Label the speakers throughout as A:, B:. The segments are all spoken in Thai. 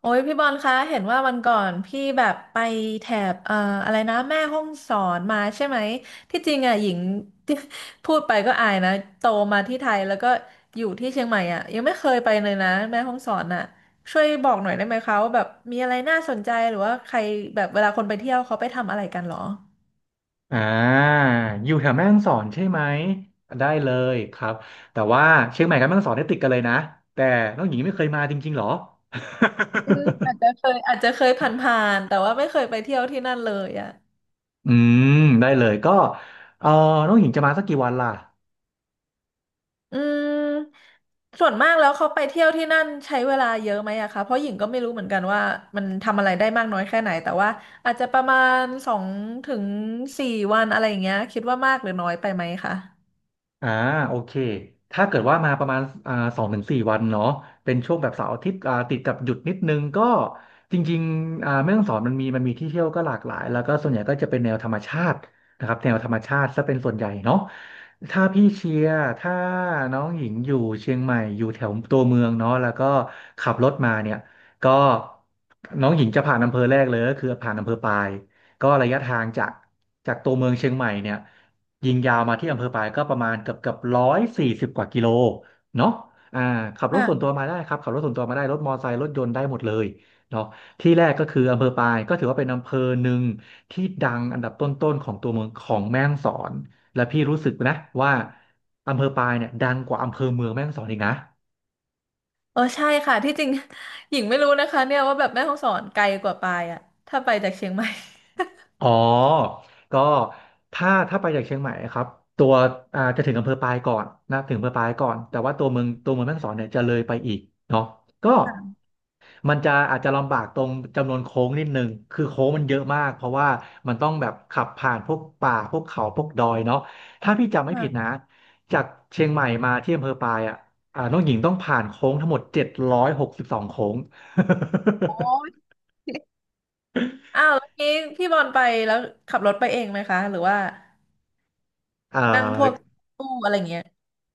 A: โอ้ยพี่บอลคะเห็นว่าวันก่อนพี่แบบไปแถบอะไรนะแม่ฮ่องสอนมาใช่ไหมที่จริงอ่ะหญิง ที่พูดไปก็อายนะโตมาที่ไทยแล้วก็อยู่ที่เชียงใหม่อ่ะยังไม่เคยไปเลยนะแม่ฮ่องสอนอ่ะช่วยบอกหน่อยได้ไหมคะว่าแบบมีอะไรน่าสนใจหรือว่าใครแบบเวลาคนไปเที่ยวเขาไปทำอะไรกันเหรอ
B: อ่าอยู่แถวแม่ฮ่องสอนใช่ไหมได้เลยครับแต่ว่าเชียงใหม่กับแม่ฮ่องสอนเนี่ยติดกันเลยนะแต่น้องหญิงไม่เคยมาจริงๆหรอ
A: อืมอาจจะเคยผ่านๆแต่ว่าไม่เคยไปเที่ยวที่นั่นเลยอ่ะ
B: อืมได้เลยก็เออน้องหญิงจะมาสักกี่วันล่ะ
A: อืมส่วนมากแล้วเขาไปเที่ยวที่นั่นใช้เวลาเยอะไหมอะคะเพราะหญิงก็ไม่รู้เหมือนกันว่ามันทำอะไรได้มากน้อยแค่ไหนแต่ว่าอาจจะประมาณสองถึงสี่วันอะไรอย่างเงี้ยคิดว่ามากหรือน้อยไปไหมคะ
B: อ่าโอเคถ้าเกิดว่ามาประมาณ2 ถึง 4 วันเนาะเป็นช่วงแบบเสาร์อาทิตย์ติดกับหยุดนิดนึงก็จริงๆแม่ฮ่องสอนมันมีที่เที่ยวก็หลากหลายแล้วก็ส่วนใหญ่ก็จะเป็นแนวธรรมชาตินะครับแนวธรรมชาติซะเป็นส่วนใหญ่เนาะถ้าพี่เชียร์ถ้าน้องหญิงอยู่เชียงใหม่อยู่แถวตัวเมืองเนาะแล้วก็ขับรถมาเนี่ยก็น้องหญิงจะผ่านอำเภอแรกเลยก็คือผ่านอำเภอปายก็ระยะทางจากตัวเมืองเชียงใหม่เนี่ย ยิงยาวมาที่อำเภอปายก็ประมาณเกือบ140 กว่ากิโลเนาะอ่าขับรถส่วนตั
A: ค่ะ
B: วมาได้ครับขับรถส่วนตัวมาได้รถมอเตอร์ไซค์รถยนต์ได้หมดเลยเนาะที่แรกก็คืออำเภอปายก็ถือว่าเป็นอำเภอหนึ่งที่ดังอันดับต้นๆของตัวเมืองของแม่ฮ่องสอนและพี่รู้สึกนะว่าอำเภอปายเนี่ยดังกว่าอำเภอเมืองแม่ฮ่องสอนอีกนะ
A: เออใช่ค่ะที่จริง หญิงไม่รู้นะคะเนี่ยว่าแบบแม่ฮ่องสอนไกลกว่าปายอะถ้าไปจากเชียงใหม่
B: อ๋อก็ถ้าไปจากเชียงใหม่ครับตัวจะถึงอำเภอปายก่อนนะถึงอำเภอปายก่อนแต่ว่าตัวเมืองแม่ฮ่องสอนเนี่ยจะเลยไปอีกเนาะก็ มันจะอาจจะลำบากตรงจำนวนโค้งนิดนึงคือโค้งมันเยอะมากเพราะว่ามันต้องแบบขับผ่านพวกป่าพวกเขาพวกดอยเนาะถ้าพี่จำไม่ผิดนะ
A: ค่ะ
B: จากเชียงใหม่มาที่อำเภอปายอ่ะน้องหญิงต้องผ่านโค้งทั้งหมด762 โค้ง
A: โอ้ย อ้าวแล้วนี้พี่บอลไปแล้วขับรถไปเองไหมคะหรือว่า
B: อ่
A: นั่งพวก
B: า
A: ตู้อะไรอย่างเงี้ย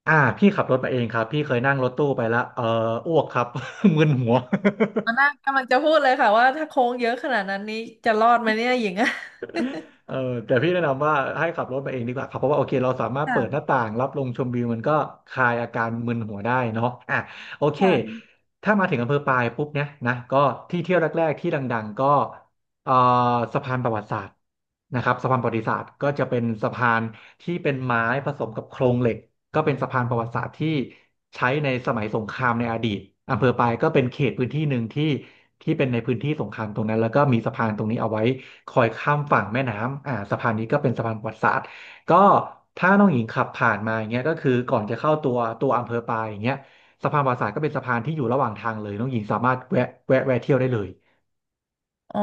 B: พี่ขับรถมาเองครับพี่เคยนั่งรถตู้ไปแล้วเอออ้วกครับ มึนหัว
A: อ๋อน้ากกำลังจะพูดเลยค่ะว่าถ้าโค้งเยอะขนาดนั้นนี้จะรอดไหมเนี่ยหญิงอะ
B: เออแต่พี่แนะนำว่าให้ขับรถมาเองดีกว่าครับเพราะว่าโอเคเราสามารถเปิดหน้า
A: ค่ะ
B: ต่างรับลมชมวิวมันก็คลายอาการมึนหัวได้เนาะอ่ะโอเค
A: ค่ะ
B: ถ้ามาถึงอำเภอปายปุ๊บเนี่ยนะก็ที่เที่ยวแรกๆที่ดังๆก็เอ่อสะพานประวัติศาสตร์นะครับสะพานประวัติศาสตร์ก็จะเป็นสะพานที่เป็นไม้ผสมกับโครงเหล็กก็เป็นสะพานประวัติศาสตร์ที่ใช้ในสมัยสงครามในอดีตอำเภอปายก็เป็นเขตพื้นที่หนึ่งที่เป็นในพื้นที่สงครามตรงนั้นแล้วก็มีสะพานตรงนี้เอาไว้ คอยข้ามฝั่งแม่น้ำอ่าสะพานนี้ก็เป็นสะพานประวัติศาสตร์ก็ถ้าน้องหญิงขับผ่านมาอย่างเงี้ยก็คือก่อนจะเข้าตัวอำเภอปายอย่างเงี้ยสะพานประวัติศาสตร์ก็เป็นสะพานที่อยู่ระหว่างทางเลยน้องหญิงสามารถแวะแวะเที่ยวได้เลย
A: อ๋อ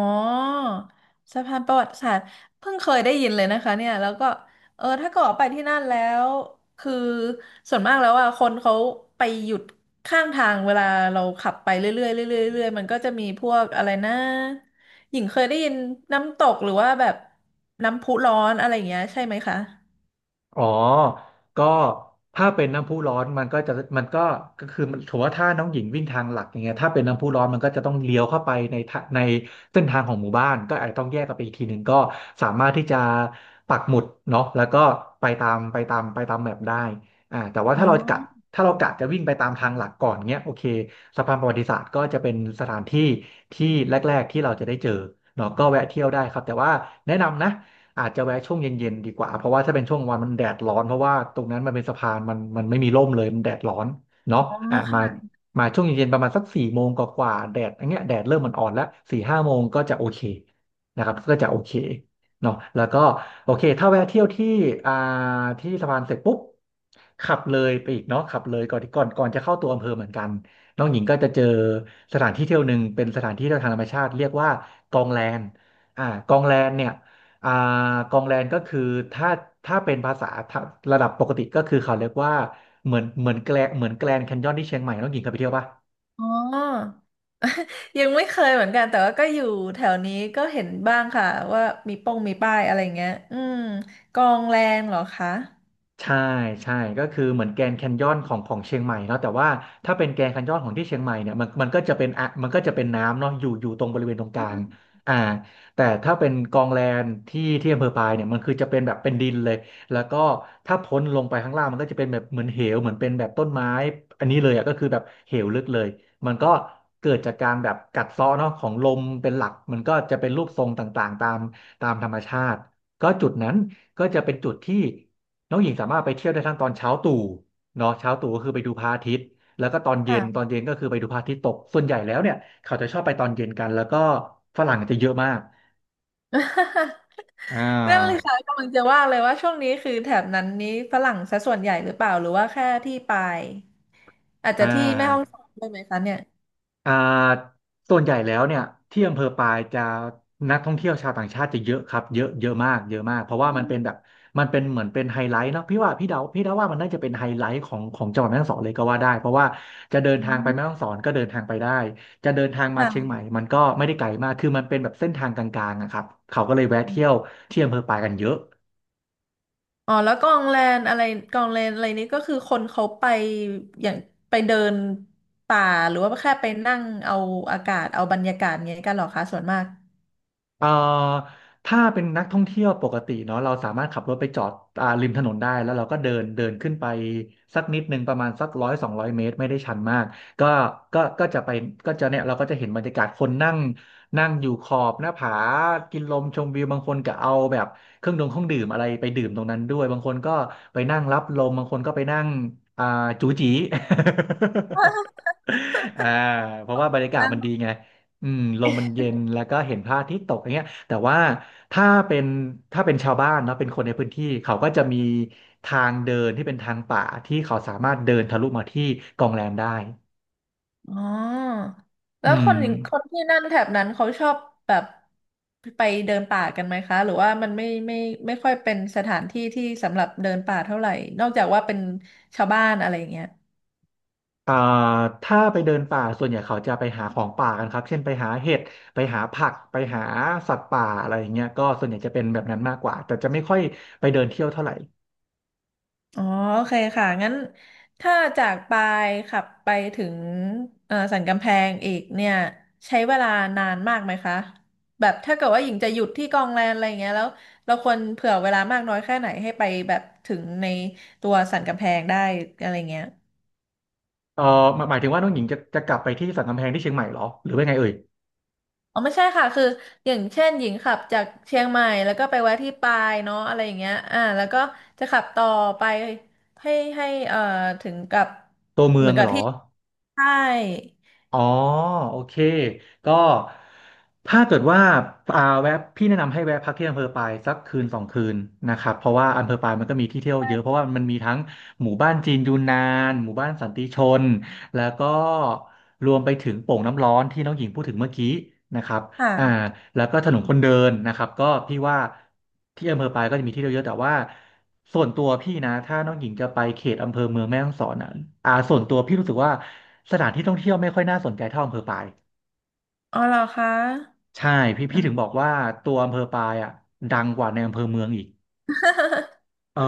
A: สะพานประวัติศาสตร์เพิ่งเคยได้ยินเลยนะคะเนี่ยแล้วก็เออถ้าเกิดว่าไปที่นั่นแล้วคือส่วนมากแล้วอ่ะคนเขาไปหยุดข้างทางเวลาเราขับไปเรื่อยๆเรื่อยๆเรื่อยๆมันก็จะมีพวกอะไรนะหญิงเคยได้ยินน้ำตกหรือว่าแบบน้ำพุร้อนอะไรอย่างเงี้ยใช่ไหมคะ
B: อ๋อก็ถ้าเป็นน้ำพุร้อนมันก็ก็คือมันถือว่าถ้าน้องหญิงวิ่งทางหลักอย่างเงี้ยถ้าเป็นน้ำพุร้อนมันก็จะต้องเลี้ยวเข้าไปในทะในเส้นทางของหมู่บ้านก็อาจจะต้องแยกกันไปอีกทีหนึ่งก็สามารถที่จะปักหมุดเนาะแล้วก็ไปตามแมปได้อ่าแต่ว่า
A: อ๋อ
B: ถ้าเรากะจะวิ่งไปตามทางหลักก่อนเงี้ยโอเคสะพานประวัติศาสตร์ก็จะเป็นสถานที่ที่แรกๆที่เราจะได้เจอเนาะก็แวะเที่ยวได้ครับแต่ว่าแนะนำนะ อาจจะแวะช่วงเย็นๆดีกว่าเพราะว่าถ้าเป็นช่วงกลางวันมันแดดร้อนเพราะว่าตรงนั้นมันเป็นสะพานมันไม่มีร่มเลยมันแดดร้อนเนาะ
A: อ๋อ
B: อ่ะ
A: ค่ะ
B: มาช่วงเย็นๆประมาณสัก4 โมงกว่าๆแดดอย่างเงี้ยแดดเริ่มมันอ่อนแล้ว4 5 โมงก็จะโอเคนะครับก็จะโอเคเนาะแล้วก็โอเคถ้าแวะเที่ยวที่อ่าที่สะพานเสร็จปุ๊บขับเลยไปอีกเนาะขับเลยก่อนจะเข้าตัวอำเภอเหมือนกันน้องหญิงก็จะเจอสถานที่เที่ยวหนึ่งเป็นสถานที่เที่ยวทางธรรมชาติเรียกว่ากองแลนกองแลนเนี่ย อ่ากองแรงก็คือถ้าถ้าเป็นภาษาระดับปกติก็คือเขาเรียกว่าเหมือนแกลงเหมือนแกลนด์แคนยอนที่เชียงใหม่น้องหญิงเคยไปเที่ยวป่ะ
A: อ๋อ ยังไม่เคยเหมือนกันแต่ว่าก็อยู่แถวนี้ก็เห็นบ้างค่ะว่ามีป้องมีป้ายอะไรเงี้ยอืมกองแรงเหรอคะ
B: ใช่ใช่ก็คือเหมือนแกรนด์แคนยอนของเชียงใหม่เนาะแต่ว่าถ้าเป็นแกรนด์แคนยอนของที่เชียงใหม่เนี่ยมันก็จะเป็นมันก็จะเป็นน้ำเนาะอยู่ตรงบริเวณตรงกลางอ่าแต่ถ้าเป็นกองแลนที่อำเภอปายเนี่ยมันคือจะเป็นแบบเป็นดินเลยแล้วก็ถ้าพ้นลงไปข้างล่างมันก็จะเป็นแบบเหมือนเหวเหมือนเป็นแบบต้นไม้อันนี้เลยอ่ะก็คือแบบเหวลึกเลยมันก็เกิดจากการแบบกัดเซาะเนาะของลมเป็นหลักมันก็จะเป็นรูปทรงต่างๆตามธรรมชาติก็จุดนั้นก็จะเป็นจุดที่ น้องหญิงสามารถไปเที่ยวได้ทั้งตอนเช้าตู่เนาะเช้าตู่ก็คือไปดูพระอาทิตย์แล้วก็ตอน
A: ค่ะ
B: เย็นก็คือไปดูพระอาทิตย์ตกส่วนใหญ่แล้วเนี่ยเขาจะชอบไปตอนเย็นกันแล้วก็ฝรั่งจะเยอะมาก อ่
A: นั่นเลย
B: า
A: ค่ะกำลังจะว่าเลยว่าช่วงนี้คือแถบนั้นนี้ฝรั่งซะส่วนใหญ่หรือเปล่าหรือว่าแค่ที่ปายอาจจะ
B: อ่า
A: ที่แม่ฮ่องสอนด้วยไหมคะเนี่ย
B: อ่าส่วนใหญ่แล้วเนี่ยที่อำเภอปายจะนักท่องเที่ยวชาวต่างชาติจะเยอะครับเยอะเยอะมากเยอะมากเพราะว่ามันเป็นแบบมันเป็นเหมือนเป็นไฮไลท์เนาะพี่ว่าพี่เดาว่ามันน่าจะเป็นไฮไลท์ของจังหวัดแม่ฮ่องสอนเลยก็ว่าได้เพราะว่าจะเดิน
A: อื
B: ทางไปแม่
A: ม
B: ฮ่องสอนก็เดินทางไปได้จะเดินทางมาเชียงใหม่
A: ค่ะ
B: มันก็ไม่ได้ไกลมากคือมันเป็นแบบเส้นทางกลางๆอะครับเขาก็เลยแวะเที่ยวที่อำเภอปายกันเยอะ
A: อ๋อแล้วกองแลนอะไรกองแลนอะไรนี้ก็คือคนเขาไปอย่างไปเดินป่าหรือว่าแค่ไปนั่งเอาอากาศเอาบรรยากาศอย่างเงี้ยกันเหรอคะส่วนมาก
B: เอ่อถ้าเป็นนักท่องเที่ยวปกติเนาะเราสามารถขับรถไปจอดริมถนนได้แล้วเราก็เดินเดินขึ้นไปสักนิดนึงประมาณสักร้อยสองร้อยเมตรไม่ได้ชันมากก็ก็จะไปก็จะเนี่ยเราก็จะเห็นบรรยากาศคนนั่งนั่งอยู่ขอบหน้าผากินลมชมวิวบางคนก็เอาแบบเครื่องดื่มอะไรไปดื่มตรงนั้นด้วยบางคนก็ไปนั่งรับลมบางคนก็ไปนั่งอ่าจูจี อ่าเพราะว่าบรรยากาศ
A: นั่ง
B: มันดีไง อืมลมมันเย็นแล้วก็เห็นพระอาทิตย์ตกอย่างเงี้ยแต่ว่าถ้าเป็นถ้าเป็นชาวบ้านเนาะเป็นคนในพื้นที่เขาก็จะมีทางเดินที่เป็นทางป่าที่เขาสามารถเดินทะลุมาที่กองแรมได้
A: อ๋อ
B: อื
A: แล้วคนอย่างค
B: ม
A: นที่นั่นแถบนั้นเขาชอบแบบไปเดินป่ากันไหมคะหรือว่ามันไม่ค่อยเป็นสถานที่ที่สำหรับเดินป่าเท่าไหร่นอกจากว่าเป็นชาวบ้านอะไรอย่างเงี้ย
B: อ่าถ้าไปเดินป่าส่วนใหญ่เขาจะไปหาของป่ากันครับเช่นไปหาเห็ดไปหาผักไปหาสัตว์ป่าอะไรอย่างเงี้ยก็ส่วนใหญ่จะเป็นแบบนั้นมากกว่าแต่จะไม่ค่อยไปเดินเที่ยวเท่าไหร่
A: อ๋อโอเคค่ะงั้นถ้าจากปายขับไปถึงสันกำแพงอีกเนี่ยใช้เวลานานมากไหมคะแบบถ้าเกิดว่าหญิงจะหยุดที่กองแลนอะไรอย่างเงี้ยแล้วเราควรเผื่อเวลามากน้อยแค่ไหนให้ไปแบบถึงในตัวสันกำแพงได้อะไรเงี้ย
B: เออหมายถึงว่าน้องหญิงจะกลับไปที่สันกำแพงที่เชียงใหม่เหรอหรือว่าไงเอ่ย
A: อ๋อไม่ใช่ค่ะคืออย่างเช่นหญิงขับจากเชียงใหม่แล้วก็ไปแวะที่ปายเนาะอะไรอย่างเงี้ยอ่าแล้วก็จะขับต่อไปให้ให้ถึงกับ
B: ตัวเมื
A: เห
B: อ
A: มือ
B: ง
A: นกั
B: เห
A: บ
B: รอ
A: ที่ใช่
B: อ๋อโอเคก็ถ้าเกิดว่าแวะพี่แนะนำให้แวะพักที่อำเภอปายสักคืนสองคืนนะครับเพราะว่าอำเภอปายมันก็มีที่เที่ยวเยอะเพราะ
A: ใช่
B: ว่ามันมีทั้งหมู่บ้านจีนยูนนานหมู่บ้านสันติชนแล้วก็รวมไปถึงโป่งน้ำร้อนที่น้องหญิงพูดถึงเมื่อกี้นะครับ อ่า
A: ค่ะ
B: แล้วก็ถนนคนเดินนะครับก็พี่ว่าที่อำเภอปายก็จะมีที่เที่ยวเยอะแต่ว่าส่วนตัวพี่นะถ้าน้องหญิงจะไปเขตอำเภอเมืองแม่ฮ่องสอนอ่ะส่วนตัวพี่รู้สึกว่าสถานที่ท่องเที่ยวไม่ค่อยน่าสนใจเท่าอำเภอปาย
A: อ๋อเหรอคะ
B: ใช่พี่
A: อื
B: พี่
A: ม
B: ถึงบอกว่าตัวอำเภอปายอ่ะดังกว่าในอำเภอเมืองอีก เออ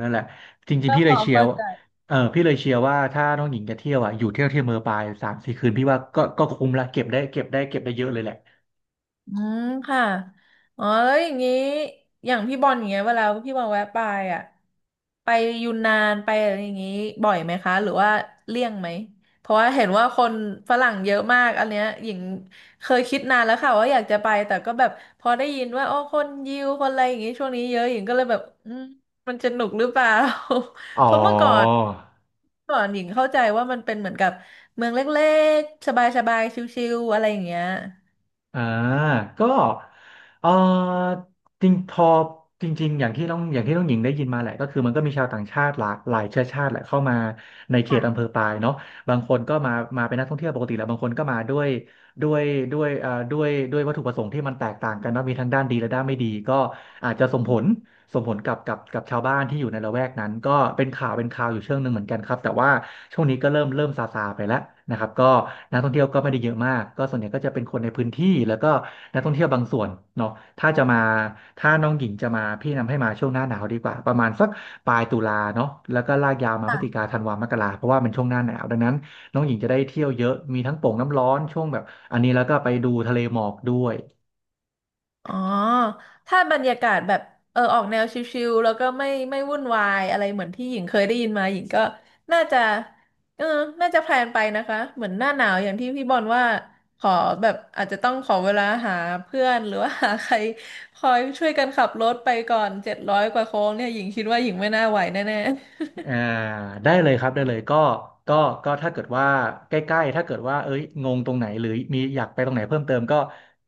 B: นั่นแหละจริง
A: ก็
B: ๆพี่
A: พ
B: เลย
A: อ
B: เชียร์
A: เข้า
B: ว่า
A: ใจ
B: เออพี่เลยเชียร์ว่าถ้าน้องหญิงจะเที่ยวอ่ะอยู่เที่ยวที่อำเภอปายสามสี่คืนพี่ว่าก็คุ้มละเก็บได้เยอะเลยแหละ
A: อืมค่ะอ๋อแล้วอย่างนี้อย่างพี่บอลอย่างเงี้ยเวลาพี่บอลแวะไปอ่ะไปยูนนานไปอะไรอย่างงี้บ่อยไหมคะหรือว่าเลี่ยงไหมเพราะว่าเห็นว่าคนฝรั่งเยอะมากอันเนี้ยหญิงเคยคิดนานแล้วค่ะว่าอยากจะไปแต่ก็แบบพอได้ยินว่าโอ้คนยิวคนอะไรอย่างงี้ช่วงนี้เยอะหญิงก็เลยแบบอืมมันจะหนุกหรือเปล่า
B: อ๋อ
A: เพราะเมื่อก่อนก่อนหญิงเข้าใจว่ามันเป็นเหมือนกับเมืองเล็กๆสบายๆชิลๆอะไรอย่างเงี้ย
B: อ่าก็เออจริงพอจริงๆอย่างที่น้องอย่างที่น้องหญิงได้ยินมาแหละก็คือมันก็มีชาวต่างชาติหลากหลายเชื้อชาติแหละเข้ามาในเขต
A: ค
B: อำเภอปายเนาะบางคนก็มาเป็นนักท่องเที่ยวปกติแหละบางคนก็มาด้วยด้วยด้วยวัตถุประสงค์ที่มันแตกต่างกันเนาะมีทั้งด้านดีและด้านไม่ดีก็อาจจะส่งผล กับชาวบ้านที่อยู่ในละแวกนั้นก็เป็นข่าวอยู่เชิงหนึ่งเหมือนกันครับแต่ว่าช่วงนี้ก็เริ่มซาไปแล้วนะครับก็นักท่องเที่ยวก็ไม่ได้เยอะมากก็ส่วนใหญ่ก็จะเป็นคนในพื้นที่แล้วก็นักท่องเที่ยวบางส่วนเนาะถ้าจะมาถ้าน้องหญิงจะมาพี่แนะนำให้มาช่วงหน้าหนาวดีกว่าประมาณสักปลายตุลาเนาะแล้วก็ลากยาวมาพฤศจิกา
A: ่ะ
B: ธันวามกราเพราะว่าเป็นช่วงหน้าหนาวดังนั้นน้องหญิงจะได้เที่ยวเยอะมีทั้งโป่งน้ำร้อนช่วงแบบอันนี้แล้วก็ไปดูทะเลหมอกด้วย
A: อ๋อถ้าบรรยากาศแบบเออออกแนวชิลๆ แล้วก็ไม่วุ่นวายอะไรเหมือนที่หญิงเคยได้ยินมาหญิงก็น่าจะเออน่าจะแพลนไปนะคะเหมือนหน้าหนาวอย่างที่พี่บอลว่าขอแบบอาจจะต้องขอเวลาหาเพื่อนหรือว่าหาใครคอยช่วยกันขับรถไปก่อน700กว่าโค้งเนี่ยหญิงคิดว่าหญิงไม่น่าไหวแน่
B: อ่าได้เลยครับได้เลยก็ก็ถ้าเกิดว่าใกล้ๆถ้าเกิดว่าเอ้ยงงตรงไหนหรือมีอยากไปตรงไหนเพิ่มเติมก็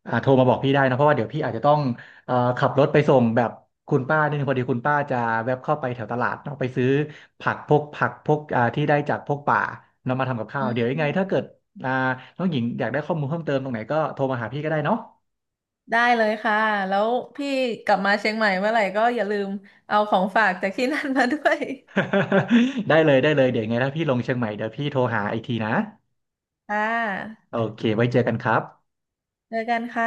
B: โทรมาบอกพี่ได้นะเพราะว่าเดี๋ยวพี่อาจจะต้องขับรถไปส่งแบบคุณป้านิดนึงพอดีคุณป้าจะแวบเข้าไปแถวตลาดเนาะไปซื้อผักพวกที่ได้จากพวกป่านำมาทำกับ
A: ๆ
B: ข้า
A: อื
B: วเดี๋ยวยังไงถ้า
A: ม
B: เกิดอ่าน้องหญิงอยากได้ข้อมูลเพิ่มเติมตรงไหนก็โทรมาหาพี่ก็ได้เนาะ
A: ได้เลยค่ะแล้วพี่กลับมาเชียงใหม่เมื่อไหร่ก็อย่าลืมเอาของฝากจากที่นั่นมาด้วย
B: ได้เลยได้เลยเดี๋ยวยังไงถ้าพี่ลงเชียงใหม่เดี๋ยวพี่โทรหาอีกทีนะ
A: ค่ะ
B: โอเคไว้เจอกันครับ
A: เจอกันค่ะ